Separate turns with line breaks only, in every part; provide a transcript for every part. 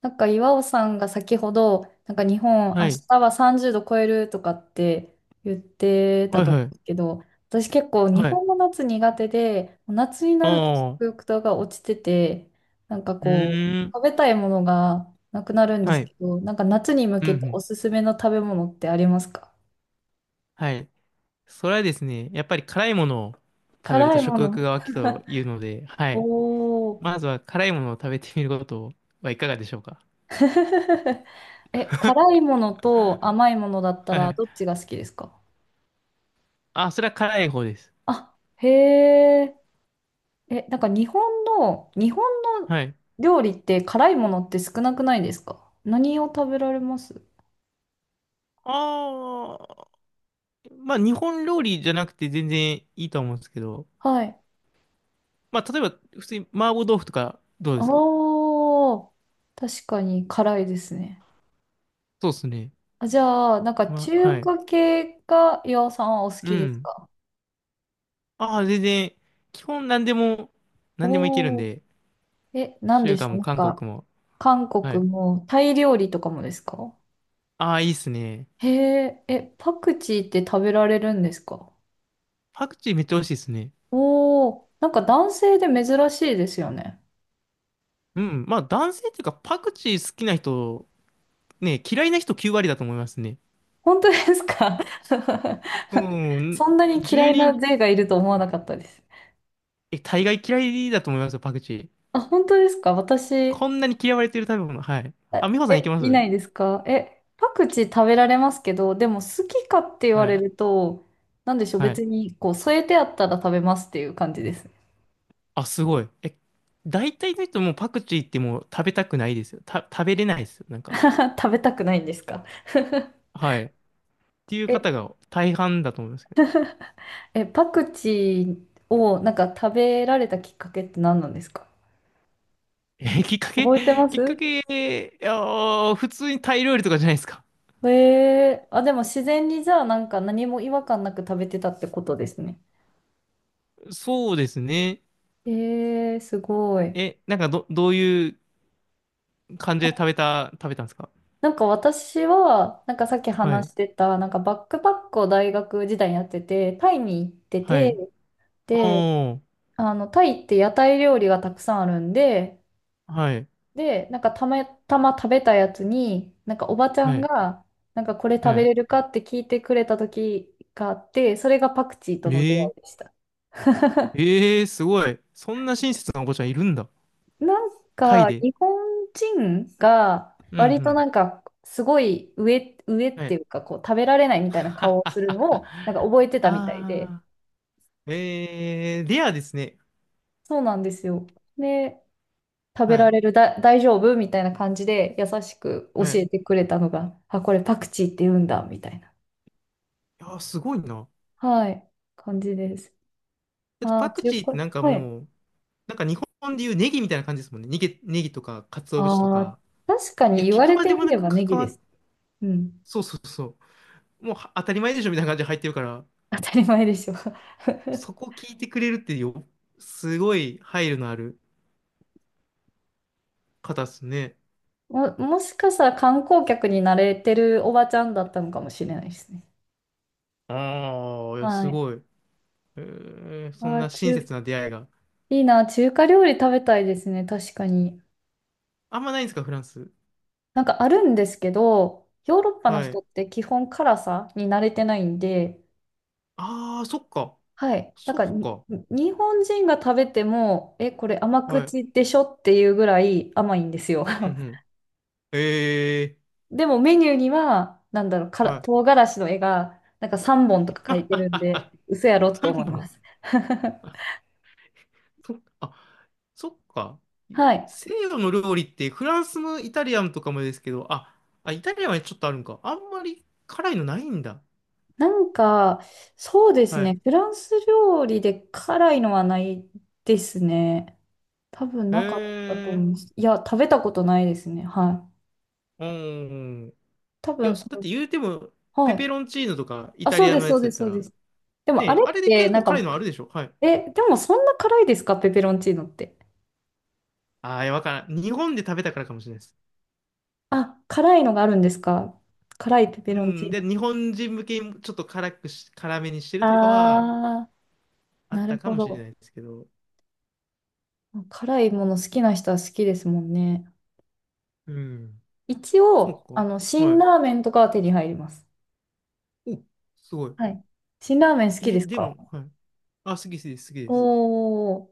なんか岩尾さんが先ほど、なんか日本明
はい。
日は30度超えるとかって言ってた
はい
と思
は
う
い。
んですけど、私結構日
はい。
本の夏苦手で、夏にな
あ
ると食
あ。
欲が落ちてて、なんか
う
こう、
ーん。
食べたいものがなくなるんで
は
す
い。
けど、なんか夏に向
うん
け
う
てお
ん。
すすめの食べ物ってありますか？
はい。それはですね、やっぱり辛いものを食べる
辛
と
いも
食欲
の。
が湧くというので、はい。
おー。
まずは辛いものを食べてみることはいかがでしょうか？
え、辛いものと甘いものだった
はいは
らどっ
い。
ちが好きですか？
あ、それは辛い方です。
あ、へえ。え、なんか日本の
はい。
料理って辛いものって少なくないですか？何を食べられます？
ああ。まあ、日本料理じゃなくて全然いいと思うんですけど、
はい。
まあ、例えば、普通に麻婆豆腐とかどうで
あ
すか？
あ、確かに辛いですね。
そうですね。
あ、じゃあ、なんか
まあ、は
中
い。
華系が岩尾さんはお好
う
きです
ん。
か？
ああ、全然、基本何でも、何でもいけるん
おお
で、
ー。え、何で
中
し
華
た？
も
なん
韓
か、
国も。
韓
は
国
い。
もタイ料理とかもですか？
ああ、いいっすね。
へえ、え、パクチーって食べられるんですか？
パクチーめっちゃ美味しいっすね。
おおー、なんか男性で珍しいですよね。
うん。まあ男性っていうかパクチー好きな人、ね、嫌いな人9割だと思いますね。
本当ですか？
うん。
そんなに嫌
10
いな
人、
税がいると思わなかったです。
え、大概嫌いだと思いますよ、パクチー。
あ、本当ですか？私、
こんなに嫌われてる食べ物。はい。
あ
あ、美穂さんいけ
え、
ま
いな
す？
いですか？え、パクチー食べられますけど、でも好きかって言わ
は
れ
い。
ると、なんでしょう、
はい。
別にこう添えてあったら食べますっていう感じです。
あ、すごい。え、大体の人もうパクチーってもう食べたくないですよ。食べれないですよ。なんか。
食べたくないんですか？
はい。っていう
え、
方が大半だと思いますけど。
え、パクチーをなんか食べられたきっかけって何なんですか？
え、きっかけ？
覚えて ま
きっ
す？
かけ、いやー、普通にタイ料理とかじゃないですか。
あ、でも自然にじゃあなんか何も違和感なく食べてたってことですね。
そうですね。
えー、すごい。
え、なんかどういう感じで食べたんですか？
なんか私は、なんかさっき
は
話
い。
してた、なんかバックパックを大学時代にやってて、タイに行って
はい。
て、で、
おー。
あの、タイって屋台料理がたくさんあるんで、
はい。
で、なんかたまたま食べたやつに、なんかおばちゃ
は
ん
い。
が、なんかこれ食
は
べ
い。
れるかって聞いてくれた時があって、それがパクチーと
え
の出会いで
ー、
した。
えー、すごい。そんな親切なお子ちゃんいるんだ。
なん
タイ
か、
で。
日本人が、
うんう
割とな
ん。
んか、すごい上、上っ
は
てい
い。
うか、こう、食べられないみ たいな顔
は
をする
は。
のを、なんか覚えてたみたいで、
あー。えー、レアですね。
そうなんですよ。で、食べ
は
ら
い。
れるだ、大丈夫みたいな感じで、優しく教
はい。い
えてくれたのが、あ、これパクチーって言うんだ、みたいな、
やー、すごいな。
はい、感じです。
だって
あ
パ
ー、
ク
中
チーっ
華、
てなんか
はい。
もう、なんか日本でいうネギみたいな感じですもんね。ネギとか、鰹節と
あー、
か。
確か
い
に
や、
言
聞
わ
く
れ
ま
て
でも
み
な
れ
く
ばネギ
関わ
で
っ、
す。うん、
そうそうそう。もうは当たり前でしょみたいな感じで入ってるから、
当たり前でしょ。
そ こ聞いてくれるってよ、すごい配慮のある方っすね。
もしかしたら観光客に慣れてるおばちゃんだったのかもしれないですね。
ああ、いや、
は
す
い。
ごい。えー、そん
あー、
な親切な出会いが。
いいな、中華料理食べたいですね、確かに。
あんまないんですか、フランス？
なんかあるんですけど、ヨーロッパの
は
人
い。
って基本辛さに慣れてないんで、
ああ、そっか。
はい。なん
そ
か
っ
に
か。
日本人が食べても、え、これ甘
はい。
口でしょっていうぐらい甘いんですよ。
うんう ん。ええ
でもメニューには、なんだろう、から
ー。は
唐辛子の絵が、なんか3本
い。
とか書いてるんで、嘘やろって思
3
いま
本。
す。
と、あ、そっか。
はい。
西洋の料理ってフランスのイタリアンとかもですけど、あ、イタリアンはちょっとあるんか。あんまり辛いのないんだ。
なんか、そうです
はい。
ね。フランス料理で辛いのはないですね。多分
へ
なかったと思
え。
います。いや、食べたことないですね。はい。
うん。
多
いや、
分そ
だっ
う。
て言うても、ペ
はい。
ペロンチーノとかイ
あ、
タ
そう
リア
で
の
す、
や
そう
つだ
で
っ
す、
た
そうで
ら、
す。で
ね
もあ
え、
れ
あれ
っ
で
て、
結
な
構
ん
辛
か、
いのあるでしょ？はい。
え、でもそんな辛いですか？ペペロンチーノって。
ああ、いやわからん。日本で食べたからかもしれないです。
あ、辛いのがあるんですか？辛いペペ
う
ロンチー
ん。で、
ノ。
日本人向けにちょっと辛めにしてるとかは
あー、
あっ
な
た
る
か
ほ
もしれ
ど。
ないですけど。
辛いもの好きな人は好きですもんね。
うん。
一
そう
応、あの、
か。は
辛
い。
ラーメンとかは手に入ります。
お、すごい。
はい。辛ラーメン好きで
え、
す
で
か？
も、はい。あ、好き好きです、好きです。
おー。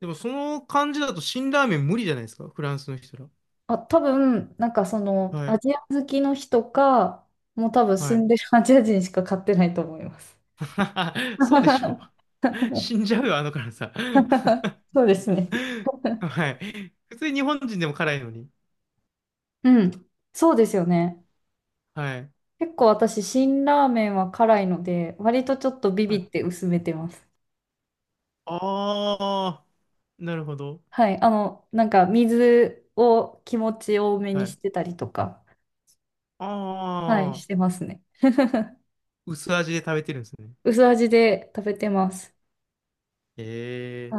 でも、その感じだと辛ラーメン無理じゃないですか、フランスの人ら。
あ、多分、なんかその、
は
ア
い、
ジア好きの人か、もう多分
は
住ん
い。
でるアジア人しか買ってないと思います。
そうでしょう。死んじゃうよ、あの辛さ。
そうですね。
はい。普通に日本人でも辛いのに。
うん。そうですよね。
はい。
結構私、辛ラーメンは辛いので、割とちょっとビ
は
ビっ
い、
て薄めてます。
あー、なるほど。
はい。あの、なんか水を気持ち多め
は
にし
い。
てたりとか、はい、
あ
してますね。
ー、薄味で食べてるんですね。
薄味で食べてます。
え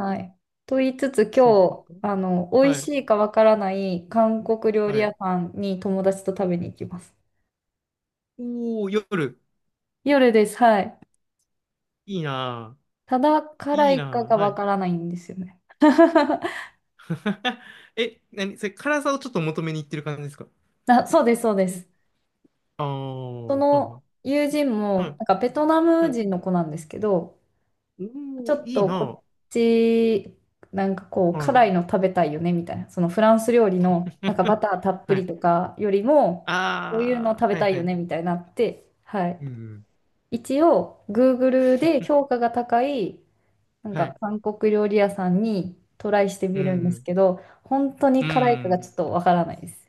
ー、
い。と言いつつ、
そっ
今日、
か。
あの、美味
は
し
い、
いかわからない韓国料理
は
屋
い。
さんに友達と食べに行きます。
おー、夜。
夜です。はい。
いいなぁ。
ただ辛
いい
いか
なぁ。
が
は
わ
い。
からないんですよね。
え、何それ、辛さをちょっと求めに行ってる感じですか？
あ、そうです、そうです。
ああ
そ
ー、は
の友人
いはい。
も、
は
なんかベトナ
い、は
ム
い。
人の子なんですけど、ちょ
おー、
っ
いい
とこ
な。
っち、なんかこう、
はい。
辛いの食べたいよね、みたいな。そのフランス料理の、なんかバ ターたっぷ
は
り
い。
とかよりも、こういうの
あ
食
あ、
べ
はい、
たい
は
よ
い。
ね、みたいになって、はい。
うん。
一応、Google で評 価が高い、なん
は
か
い。
韓国料理屋さんにトライして
う
みるんです
ん、
けど、本当
う
に
ん。う
辛いかがち
ん。
ょっとわからないです。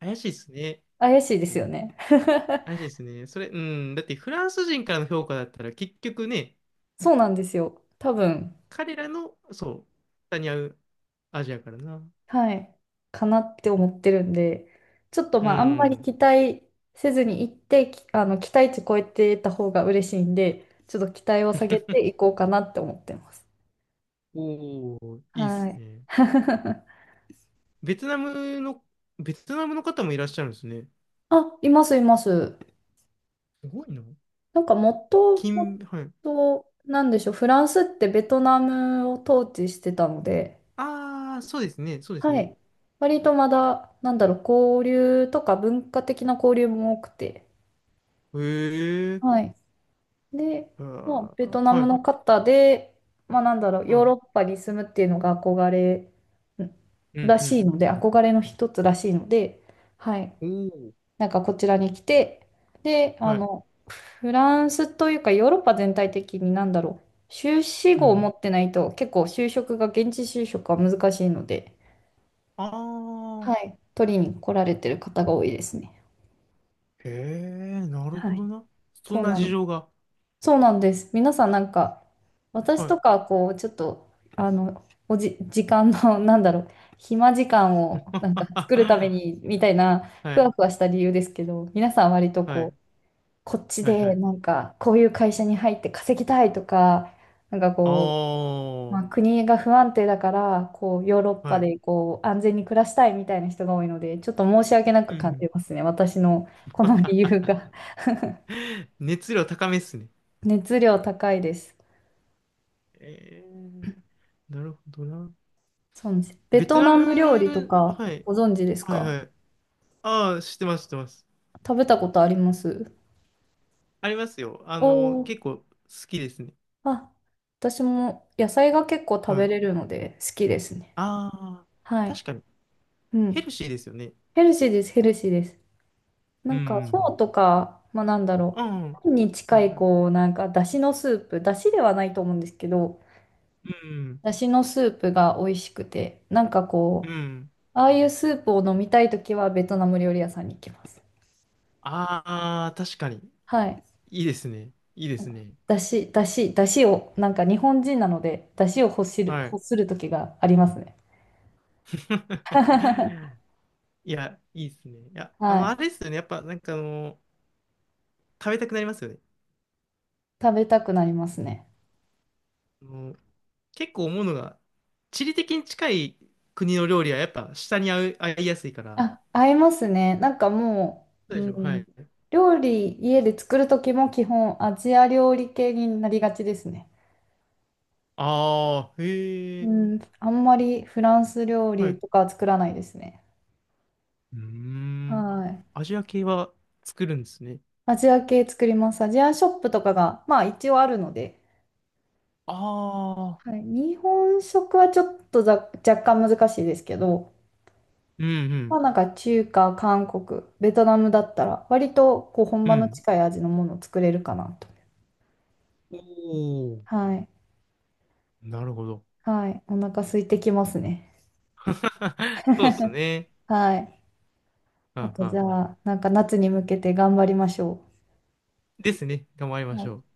怪しいですね。
怪しいですよね。
怪しいですね。それ、うん。だってフランス人からの評価だったら結局ね、
そうなんですよ。多分、
彼らの、そう、下に合うアジアからな。
はい、かなって思ってるんで、ちょっと
う
まあ、あんまり
ん。
期待せずに行って、きあの、期待値超えてた方が嬉しいんで、ちょっと期待を下げていこうかなって思ってます。
おお、いいで
は
す
い。
ね。ベトナムの、ベトナムの方もいらっしゃるんですね。
あ、います、います。
すごいな。
なんかもとも
はい。
と、なんでしょう、フランスってベトナムを統治してたので、
ああ、そうですね、そうです
は
ね。
い。割とまだ、なんだろう、交流とか文化的な交流も多くて、
へえ、
はい。で、
あ
まあ、ベト
ー
ナ
は
ム
い、
の方で、まあなんだろう、
は
ヨーロ
い。
ッパに住むっていうのが憧れん
うん、
ら
う
しい
ん。
ので、憧れの一つらしいので、はい。
おお、
なんかこちらに来て、で、あ
はい。
の、フランスというかヨーロッパ全体的になんだろう。修士
う
号を
ん。
持ってないと結構就職が、現地就職は難しいので、
あ
は
あ、
い。取りに来られてる方が多いですね。
へえ、なる
は
ほど
い。
な。そ
そ
ん
う
な
な
事
ん、
情が。
そうなんです。皆さんなんか、私
はい。
とかはこう、ちょっと、あの、時間の、なんだろう、暇時間をなんか作るため にみたいな、
は
ふわ
い、
ふわした理由ですけど、皆さん割と
は
こ
い、
う、こっち
はい、は
で
い。
なんか、こういう会社に入って稼ぎたいとか、なんか
あ
こう、まあ、
あ、
国が不安定だから、こう、ヨーロッパ
はい。
でこう安全に暮らしたいみたいな人が多いので、ちょっと申し訳な
う
く感じ
ん。
ますね。私のこの理由が
熱量高めっすね。
熱量高いです。
えー、なるほどな。
そうなんです。ベ
ベ
ト
トナ
ナム料理と
ム、
か
はい、
ご存知です
はい、は
か？
い。ああ、知ってます、知ってます。
食べたことあります？
ありますよ。あ
お
の、
おー。
結構好きですね。
あ、私も野菜が結構食
は
べ
い。
れるので好きですね。
ああ、
はい。
確かに。
う
ヘ
ん。
ルシーですよね。
ヘルシーです、ヘルシーです。な
うんう
んか、フォー
ん
とか、まあ、なんだ
う
ろ
ん。うん
う。パンに
うん
近
は
い、
い。
こう、なんか、だしのスープ、だしではないと思うんですけど、
うん
だしのスープが美味しくて、なんか
うん。う
こ
ん。
う、ああいうスープを飲みたいときは、ベトナム料理屋さんに行きます。
ああ、確かに。
はい。
いいですね。いいで
なん
す
か
ね。
だしを、なんか日本人なので、だしを欲する、
は
欲
い。
するときがありますね。
いや、いいですね。いや、あ
は
の、あ
い。
れですよね。やっぱ、なんかあの、食べたくなりますよね。
食べたくなりますね。
あの、結構思うのが、地理的に近い国の料理はやっぱ下に合う、合いやすいから。
あ、合いますね。なんかも
そ
う、
う
う
でしょ。は
ん、
い。
料理家で作る時も基本アジア料理系になりがちですね。
ああ、へ
う
え。
ん、あんまりフランス料
は
理
い
とかは作らないですね。
うーん。あ
はい。
アジア系は作るんですね。
アジア系作ります。アジアショップとかが、まあ一応あるので、
ああ。
はい、日本食はちょっと若干難しいですけど、
うんう
まあ
ん。
なんか中華、韓国、ベトナムだったら割とこう本
う
場の
ん。
近い味のものを作れるかなと。
おお。
はい。
なるほど。
はい。お腹空いてきますね。
そうですね。
はい。
は
あ
ん
と
はん
じゃ
はん
あ、なんか夏に向けて頑張りましょ
ですね。頑張り
う。
ま
は
しょう。
い。